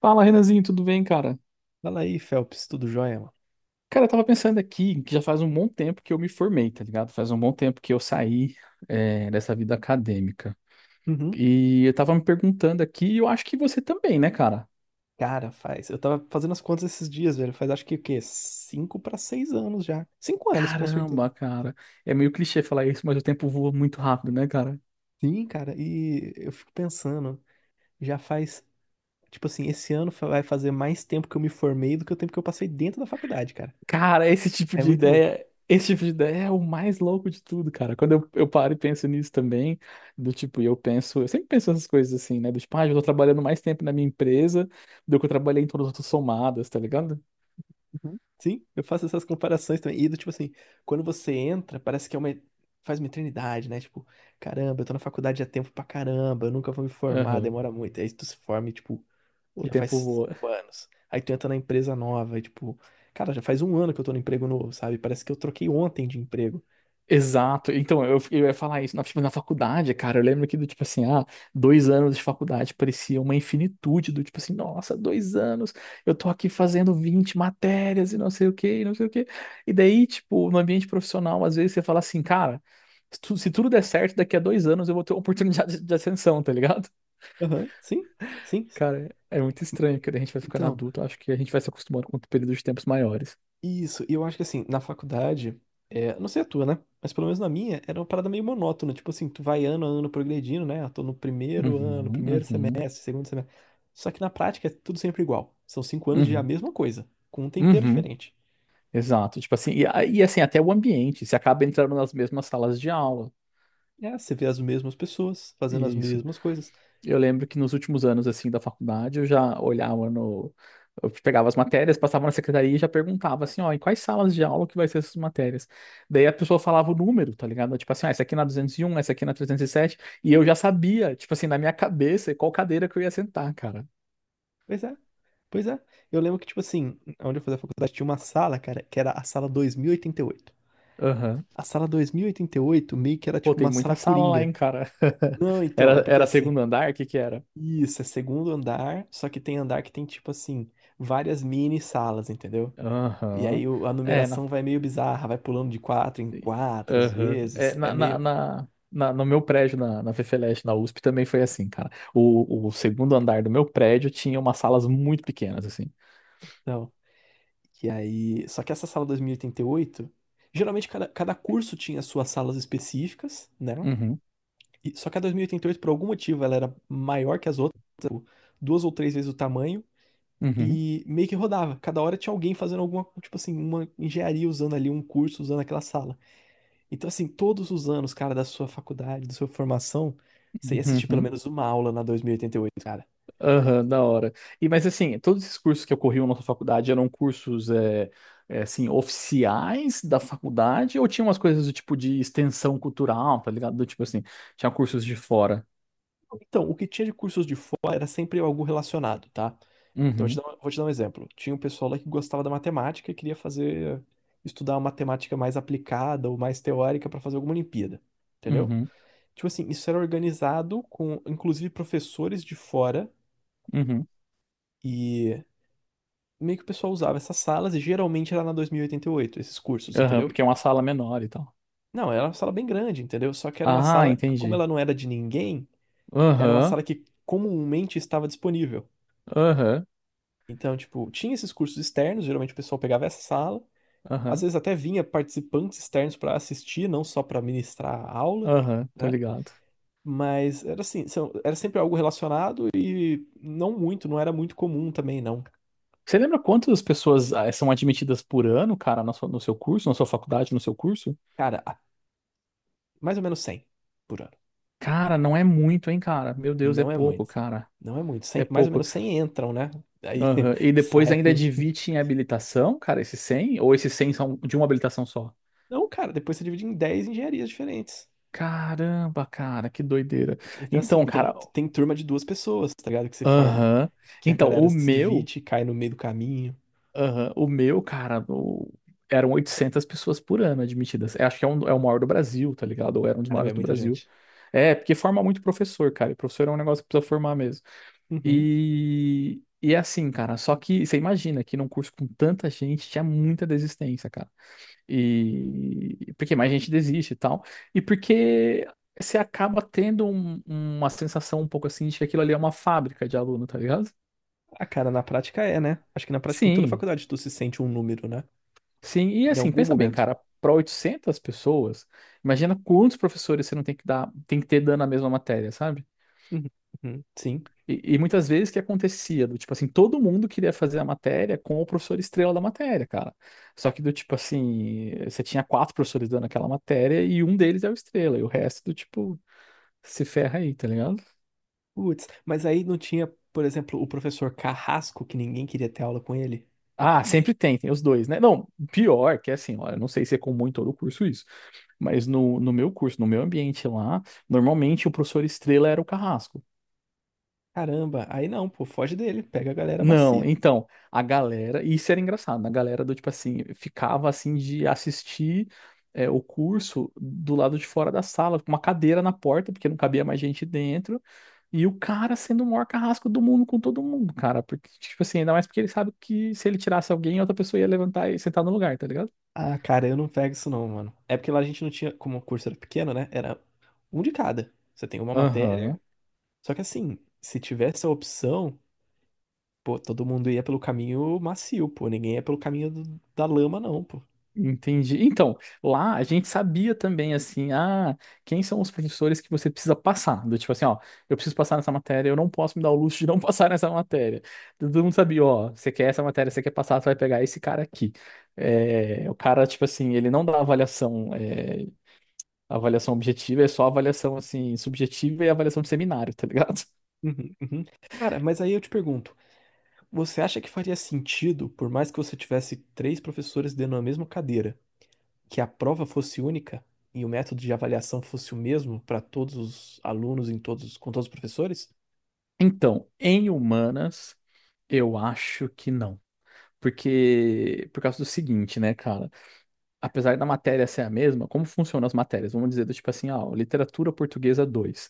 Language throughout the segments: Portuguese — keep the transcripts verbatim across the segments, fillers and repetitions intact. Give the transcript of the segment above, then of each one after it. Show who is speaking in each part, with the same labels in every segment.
Speaker 1: Fala, Renanzinho, tudo bem, cara?
Speaker 2: Fala aí, Phelps, tudo jóia, mano?
Speaker 1: Cara, eu tava pensando aqui que já faz um bom tempo que eu me formei, tá ligado? Faz um bom tempo que eu saí, é, dessa vida acadêmica.
Speaker 2: Uhum.
Speaker 1: E eu tava me perguntando aqui, e eu acho que você também, né, cara?
Speaker 2: Cara, faz. Eu tava fazendo as contas esses dias, velho. Faz acho que o quê? Cinco pra seis anos já. Cinco anos, com certeza.
Speaker 1: Caramba, cara. É meio clichê falar isso, mas o tempo voa muito rápido, né, cara?
Speaker 2: Sim, cara, e eu fico pensando, já faz. Tipo assim, esse ano fa- vai fazer mais tempo que eu me formei do que o tempo que eu passei dentro da faculdade, cara.
Speaker 1: Cara, esse tipo
Speaker 2: É
Speaker 1: de
Speaker 2: muito louco.
Speaker 1: ideia, esse tipo de ideia é o mais louco de tudo, cara. Quando eu, eu paro e penso nisso também, do tipo, e eu penso, eu sempre penso essas coisas assim, né? Do tipo, ah, eu tô trabalhando mais tempo na minha empresa do que eu trabalhei em todas as outras somadas, tá ligado?
Speaker 2: Uhum. Sim, eu faço essas comparações também. E do tipo assim, quando você entra, parece que é uma. Faz uma eternidade, né? Tipo, caramba, eu tô na faculdade há tempo pra caramba, eu nunca vou me formar,
Speaker 1: Aham.
Speaker 2: demora muito. Aí tu se forma e, tipo,
Speaker 1: O
Speaker 2: já faz
Speaker 1: tempo voa.
Speaker 2: cinco anos. Aí tu entra na empresa nova e, tipo, cara, já faz um ano que eu tô no emprego novo, sabe? Parece que eu troquei ontem de emprego.
Speaker 1: Exato. Então, eu, eu ia falar isso. Na, tipo, na faculdade, cara, eu lembro que do tipo assim, ah, dois anos de faculdade parecia uma infinitude, do tipo assim, nossa, dois anos, eu tô aqui fazendo vinte matérias e não sei o quê, e não sei o quê. E daí, tipo, no ambiente profissional, às vezes você fala assim, cara, se, tu- se tudo der certo, daqui a dois anos eu vou ter uma oportunidade de, de ascensão, tá ligado?
Speaker 2: Aham, sim, sim.
Speaker 1: Cara, é muito estranho, que daí a gente vai ficando
Speaker 2: Então,
Speaker 1: adulto, eu acho que a gente vai se acostumando com períodos de tempos maiores.
Speaker 2: isso. E eu acho que, assim, na faculdade, é, não sei a tua, né? Mas pelo menos na minha, era uma parada meio monótona. Tipo assim, tu vai ano a ano progredindo, né? Eu tô no primeiro ano,
Speaker 1: Uhum,
Speaker 2: primeiro
Speaker 1: uhum,
Speaker 2: semestre, segundo semestre. Só que na prática é tudo sempre igual. São cinco anos de a
Speaker 1: uhum,
Speaker 2: mesma coisa, com um tempero
Speaker 1: uhum.
Speaker 2: diferente.
Speaker 1: Exato, tipo assim, e, a- e assim, até o ambiente, você acaba entrando nas mesmas salas de aula.
Speaker 2: É, você vê as mesmas pessoas fazendo as
Speaker 1: Isso.
Speaker 2: mesmas coisas.
Speaker 1: Eu lembro que nos últimos anos, assim, da faculdade, eu já olhava no. Eu pegava as matérias, passava na secretaria e já perguntava assim, ó, em quais salas de aula que vai ser essas matérias? Daí a pessoa falava o número, tá ligado? Tipo assim, ah, essa aqui na duzentos e um, essa aqui na trezentos e sete, e sete, e eu já sabia, tipo assim, na minha cabeça, qual cadeira que eu ia sentar, cara.
Speaker 2: Pois é. Pois é, eu lembro que, tipo assim, onde eu fazia faculdade tinha uma sala, cara, que era a sala dois mil e e oitenta e oito.
Speaker 1: Aham.
Speaker 2: A sala dois mil e e oitenta e oito meio que era
Speaker 1: Pô,
Speaker 2: tipo
Speaker 1: tem
Speaker 2: uma
Speaker 1: muita
Speaker 2: sala
Speaker 1: sala lá, hein,
Speaker 2: coringa.
Speaker 1: cara.
Speaker 2: Não, então, é
Speaker 1: Era,
Speaker 2: porque
Speaker 1: era
Speaker 2: assim,
Speaker 1: segundo andar, o que que era?
Speaker 2: isso, é segundo andar, só que tem andar que tem, tipo assim, várias mini salas, entendeu? E
Speaker 1: Aham.
Speaker 2: aí o- a
Speaker 1: É, na
Speaker 2: numeração vai meio bizarra, vai pulando de quatro em quatro às
Speaker 1: Aham. É,
Speaker 2: vezes, é
Speaker 1: na, na,
Speaker 2: meio.
Speaker 1: na, na- no meu prédio, na, na FFLeste, na USP, também foi assim, cara. O, o segundo andar do meu prédio tinha umas salas muito pequenas, assim.
Speaker 2: Não. E aí, só que essa sala dois mil e e oitenta e oito geralmente cada, cada curso tinha suas salas específicas, né?
Speaker 1: Uhum,
Speaker 2: E- Só que a dois mil e oitenta e oito, por algum motivo, ela era maior que as outras, tipo, duas ou três vezes o tamanho,
Speaker 1: uhum,
Speaker 2: e meio que rodava. Cada hora tinha alguém fazendo alguma, tipo assim, uma engenharia usando ali, um curso usando aquela sala. Então, assim, todos os anos, cara, da sua faculdade, da sua formação, você ia
Speaker 1: uhum,
Speaker 2: assistir pelo
Speaker 1: uhum,
Speaker 2: menos uma aula na dois mil e oitenta e oito, cara.
Speaker 1: aham, da hora. E, mas assim, todos esses cursos que ocorriam na sua faculdade eram cursos, é, é, assim, oficiais da faculdade, ou tinha umas coisas do tipo de extensão cultural, tá ligado? Do tipo assim, tinha cursos de fora.
Speaker 2: Então, o que tinha de cursos de fora era sempre algo relacionado, tá? Então, eu te
Speaker 1: Uhum,
Speaker 2: dar um- vou te dar um exemplo. Tinha um pessoal lá que gostava da matemática e queria fazer, estudar uma matemática mais aplicada ou mais teórica para fazer alguma Olimpíada. Entendeu?
Speaker 1: uhum,
Speaker 2: Tipo assim, isso era organizado com, inclusive, professores de fora
Speaker 1: uhum,
Speaker 2: e meio que o pessoal usava essas salas e geralmente era na dois mil e e oitenta e oito esses cursos,
Speaker 1: aham,
Speaker 2: entendeu?
Speaker 1: porque é uma sala menor e tal.
Speaker 2: Não, era uma sala bem grande, entendeu? Só que era uma
Speaker 1: Ah,
Speaker 2: sala, que, como
Speaker 1: entendi.
Speaker 2: ela não era de ninguém, era uma
Speaker 1: Aham,
Speaker 2: sala que comumente estava disponível.
Speaker 1: aham,
Speaker 2: Então, tipo, tinha esses cursos externos, geralmente o pessoal pegava essa sala, às
Speaker 1: aham,
Speaker 2: vezes até vinha participantes externos para assistir, não só para ministrar a aula,
Speaker 1: aham, tô
Speaker 2: né?
Speaker 1: ligado.
Speaker 2: Mas era assim, são- era sempre algo relacionado e não muito, não era muito comum também, não.
Speaker 1: Você lembra quantas pessoas ah, são admitidas por ano, cara, na sua- no seu curso, na sua faculdade, no seu curso?
Speaker 2: Cara, a- mais ou menos cem por ano.
Speaker 1: Cara, não é muito, hein, cara? Meu Deus, é
Speaker 2: Não é muito.
Speaker 1: pouco, cara.
Speaker 2: Não é muito.
Speaker 1: É
Speaker 2: Cem, mais ou
Speaker 1: pouco.
Speaker 2: menos cem entram, né? Aí
Speaker 1: Aham. E depois ainda
Speaker 2: saem.
Speaker 1: divide em habilitação, cara, esses cem, ou esses cem são de uma habilitação só?
Speaker 2: Não, cara, depois você divide em dez engenharias diferentes.
Speaker 1: Caramba, cara, que doideira.
Speaker 2: Então, assim,
Speaker 1: Então,
Speaker 2: tem,
Speaker 1: cara,
Speaker 2: tem turma de duas pessoas, tá ligado? Que se forma.
Speaker 1: aham.
Speaker 2: Que a
Speaker 1: Então,
Speaker 2: galera
Speaker 1: o
Speaker 2: se
Speaker 1: meu.
Speaker 2: divide, cai no meio do caminho.
Speaker 1: Aham. O meu, cara, o- eram oitocentas pessoas por ano admitidas. Eu acho que é, um, é o maior do Brasil, tá ligado? Ou era um dos
Speaker 2: Caramba, é
Speaker 1: maiores do
Speaker 2: muita
Speaker 1: Brasil.
Speaker 2: gente.
Speaker 1: É, porque forma muito professor, cara. E professor é um negócio que precisa formar mesmo.
Speaker 2: Uhum.
Speaker 1: E, e é assim, cara. Só que você imagina que num curso com tanta gente tinha muita desistência, cara. E porque mais gente desiste e tal. E porque você acaba tendo um- uma sensação um pouco assim de que aquilo ali é uma fábrica de aluno, tá ligado?
Speaker 2: Ah, cara, na prática é, né? Acho que na prática em toda
Speaker 1: Sim.
Speaker 2: faculdade tu se sente um número, né?
Speaker 1: Sim, e
Speaker 2: Em
Speaker 1: assim,
Speaker 2: algum
Speaker 1: pensa bem,
Speaker 2: momento.
Speaker 1: cara, para oitocentas pessoas, imagina quantos professores você não tem que dar, tem que ter dando a mesma matéria, sabe?
Speaker 2: Uhum. Uhum. Sim.
Speaker 1: E, e muitas vezes o que acontecia, do tipo assim, todo mundo queria fazer a matéria com o professor estrela da matéria, cara. Só que do tipo assim, você tinha quatro professores dando aquela matéria e um deles é o estrela, e o resto do tipo se ferra aí, tá ligado?
Speaker 2: Putz, mas aí não tinha, por exemplo, o professor Carrasco, que ninguém queria ter aula com ele?
Speaker 1: Ah, sempre tem, tem os dois, né? Não, pior que é assim, olha, não sei se é comum em todo o curso isso, mas no, no meu curso, no meu ambiente lá, normalmente o professor estrela era o carrasco.
Speaker 2: Caramba, aí não, pô, foge dele, pega a galera
Speaker 1: Não,
Speaker 2: macia.
Speaker 1: então, a galera, e isso era engraçado, né? A galera do tipo assim, ficava assim de assistir é, o curso do lado de fora da sala, com uma cadeira na porta, porque não cabia mais gente dentro, e o cara sendo o maior carrasco do mundo com todo mundo, cara, porque, tipo assim, ainda mais porque ele sabe que se ele tirasse alguém, outra pessoa ia levantar e sentar no lugar, tá ligado?
Speaker 2: Ah, cara, eu não pego isso não, mano. É porque lá a gente não tinha, como o curso era pequeno, né? Era um de cada. Você tem uma
Speaker 1: Aham.
Speaker 2: matéria. Só que assim, se tivesse a opção, pô, todo mundo ia pelo caminho macio, pô. Ninguém ia pelo caminho do- da lama, não, pô.
Speaker 1: Entendi. Então, lá a gente sabia também, assim, ah, quem são os professores que você precisa passar? Do tipo assim, ó, eu preciso passar nessa matéria, eu não posso me dar o luxo de não passar nessa matéria. Todo mundo sabia, ó, você quer essa matéria, você quer passar, você vai pegar esse cara aqui. É, o cara, tipo assim, ele não dá avaliação, é, avaliação objetiva, é só avaliação, assim, subjetiva e avaliação de seminário, tá ligado?
Speaker 2: Uhum, uhum. Cara, mas aí eu te pergunto, você acha que faria sentido, por mais que você tivesse três professores dentro da mesma cadeira? Que a prova fosse única e o método de avaliação fosse o mesmo para todos os alunos em todos, com todos os professores?
Speaker 1: Então, em humanas, eu acho que não. Porque, por causa do seguinte, né, cara? Apesar da matéria ser a mesma, como funcionam as matérias? Vamos dizer, do tipo assim, ah, literatura portuguesa dois,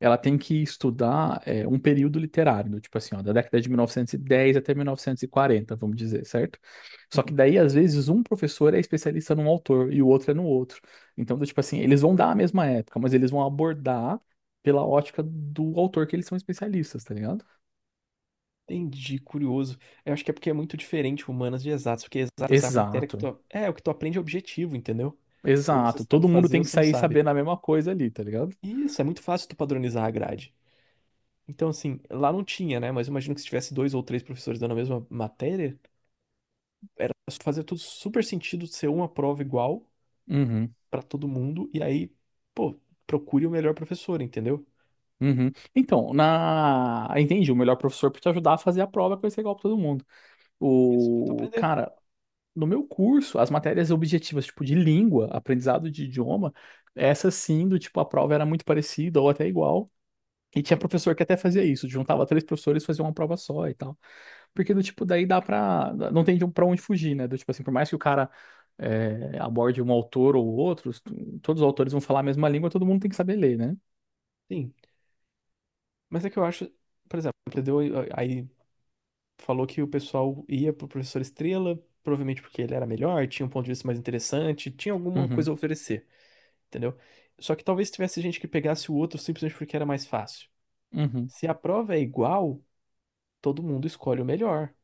Speaker 1: ela tem que estudar é, um período literário, do tipo assim, ó, da década de mil novecentos e dez até mil novecentos e quarenta, vamos dizer, certo? Só que
Speaker 2: Uhum.
Speaker 1: daí, às vezes, um professor é especialista num autor e o outro é no outro. Então, do tipo assim, eles vão dar a mesma época, mas eles vão abordar pela ótica do autor que eles são especialistas, tá ligado?
Speaker 2: Entendi, curioso. Eu acho que é porque é muito diferente humanas de exatas, porque exatas é a matéria que
Speaker 1: Exato,
Speaker 2: tu, é, o que tu aprende é objetivo, entendeu? Ou você
Speaker 1: exato.
Speaker 2: sabe
Speaker 1: Todo mundo
Speaker 2: fazer ou
Speaker 1: tem que
Speaker 2: você não
Speaker 1: sair
Speaker 2: sabe.
Speaker 1: sabendo a mesma coisa ali, tá ligado?
Speaker 2: E isso, é muito fácil tu padronizar a grade. Então, assim, lá não tinha, né? Mas eu imagino que se tivesse dois ou três professores dando a mesma matéria, fazia tudo super sentido ser uma prova igual
Speaker 1: Uhum.
Speaker 2: pra todo mundo, e aí, pô, procure o melhor professor, entendeu?
Speaker 1: Uhum. Então, na... entendi, o melhor professor para te ajudar a fazer a prova é conhecer igual para todo mundo.
Speaker 2: Isso, pra tu
Speaker 1: O
Speaker 2: aprender.
Speaker 1: cara, no meu curso, as matérias objetivas, tipo de língua, aprendizado de idioma, essa sim, do tipo, a prova era muito parecida ou até igual. E tinha professor que até fazia isso, juntava três professores e fazia uma prova só e tal. Porque do tipo, daí dá pra. Não tem de um- pra onde fugir, né? Do tipo assim, por mais que o cara é, aborde um autor ou outros, todos os autores vão falar a mesma língua, todo mundo tem que saber ler, né?
Speaker 2: Sim. Mas é que eu acho, por exemplo, aprendeu aí falou que o pessoal ia pro professor Estrela, provavelmente porque ele era melhor, tinha um ponto de vista mais interessante, tinha alguma coisa
Speaker 1: Uhum.
Speaker 2: a oferecer, entendeu? Só que talvez tivesse gente que pegasse o outro simplesmente porque era mais fácil.
Speaker 1: Uhum.
Speaker 2: Se a prova é igual, todo mundo escolhe o melhor,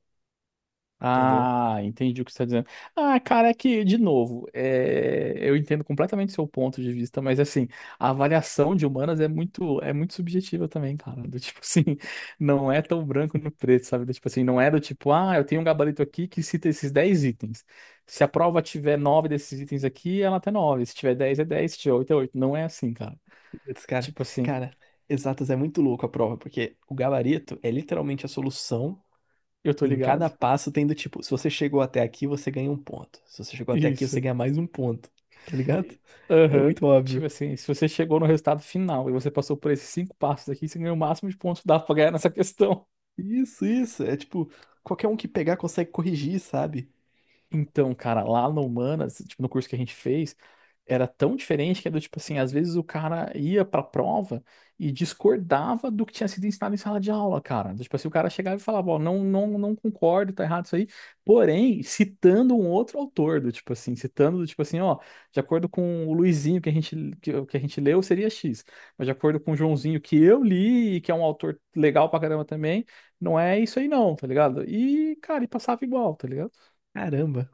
Speaker 2: entendeu?
Speaker 1: Ah, entendi o que você está dizendo. Ah, cara, é que, de novo, é, eu entendo completamente seu ponto de vista, mas assim, a avaliação de humanas é muito, é muito subjetiva também, cara. Do tipo assim, não é tão branco no preto, sabe? Do tipo assim, não é do tipo, ah, eu tenho um gabarito aqui que cita esses dez itens. Se a prova tiver nove desses itens aqui, ela até nove. Se tiver dez, é dez. Se tiver oito, é oito, não é assim, cara.
Speaker 2: Putz, cara,
Speaker 1: Tipo assim,
Speaker 2: cara, exatas é muito louco a prova, porque o gabarito é literalmente a solução.
Speaker 1: eu tô
Speaker 2: Em
Speaker 1: ligado.
Speaker 2: cada passo tem do tipo, se você chegou até aqui, você ganha um ponto. Se você chegou até aqui, você
Speaker 1: Isso.
Speaker 2: ganha mais um ponto. Tá ligado? É
Speaker 1: Aham.
Speaker 2: muito
Speaker 1: Tipo
Speaker 2: óbvio.
Speaker 1: assim, se você chegou no resultado final e você passou por esses cinco passos aqui, você ganhou o máximo de pontos que dá pra ganhar nessa questão.
Speaker 2: Isso, isso. É tipo, qualquer um que pegar consegue corrigir, sabe?
Speaker 1: Então, cara, lá no Humanas, tipo, no curso que a gente fez, era tão diferente que era do tipo assim, às vezes o cara ia pra prova e discordava do que tinha sido ensinado em sala de aula, cara. Tipo assim, o cara chegava e falava, ó, não, não, não concordo, tá errado isso aí, porém, citando um outro autor, do tipo assim, citando do tipo assim, ó, de acordo com o Luizinho que a gente, que, que a gente leu, seria X, mas de acordo com o Joãozinho que eu li e que é um autor legal pra caramba também, não é isso aí não, tá ligado? E, cara, e passava igual, tá ligado?
Speaker 2: Caramba.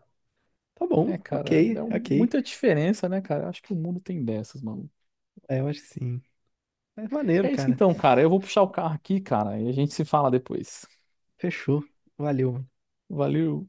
Speaker 2: Tá bom,
Speaker 1: É, cara, é
Speaker 2: ok,
Speaker 1: um-
Speaker 2: ok.
Speaker 1: muita diferença, né, cara? Eu acho que o mundo tem dessas, mano.
Speaker 2: É, eu acho que sim. É maneiro,
Speaker 1: É isso
Speaker 2: cara.
Speaker 1: então, cara. Eu vou puxar o carro aqui, cara, e a gente se fala depois.
Speaker 2: Fechou. Valeu, mano.
Speaker 1: Valeu.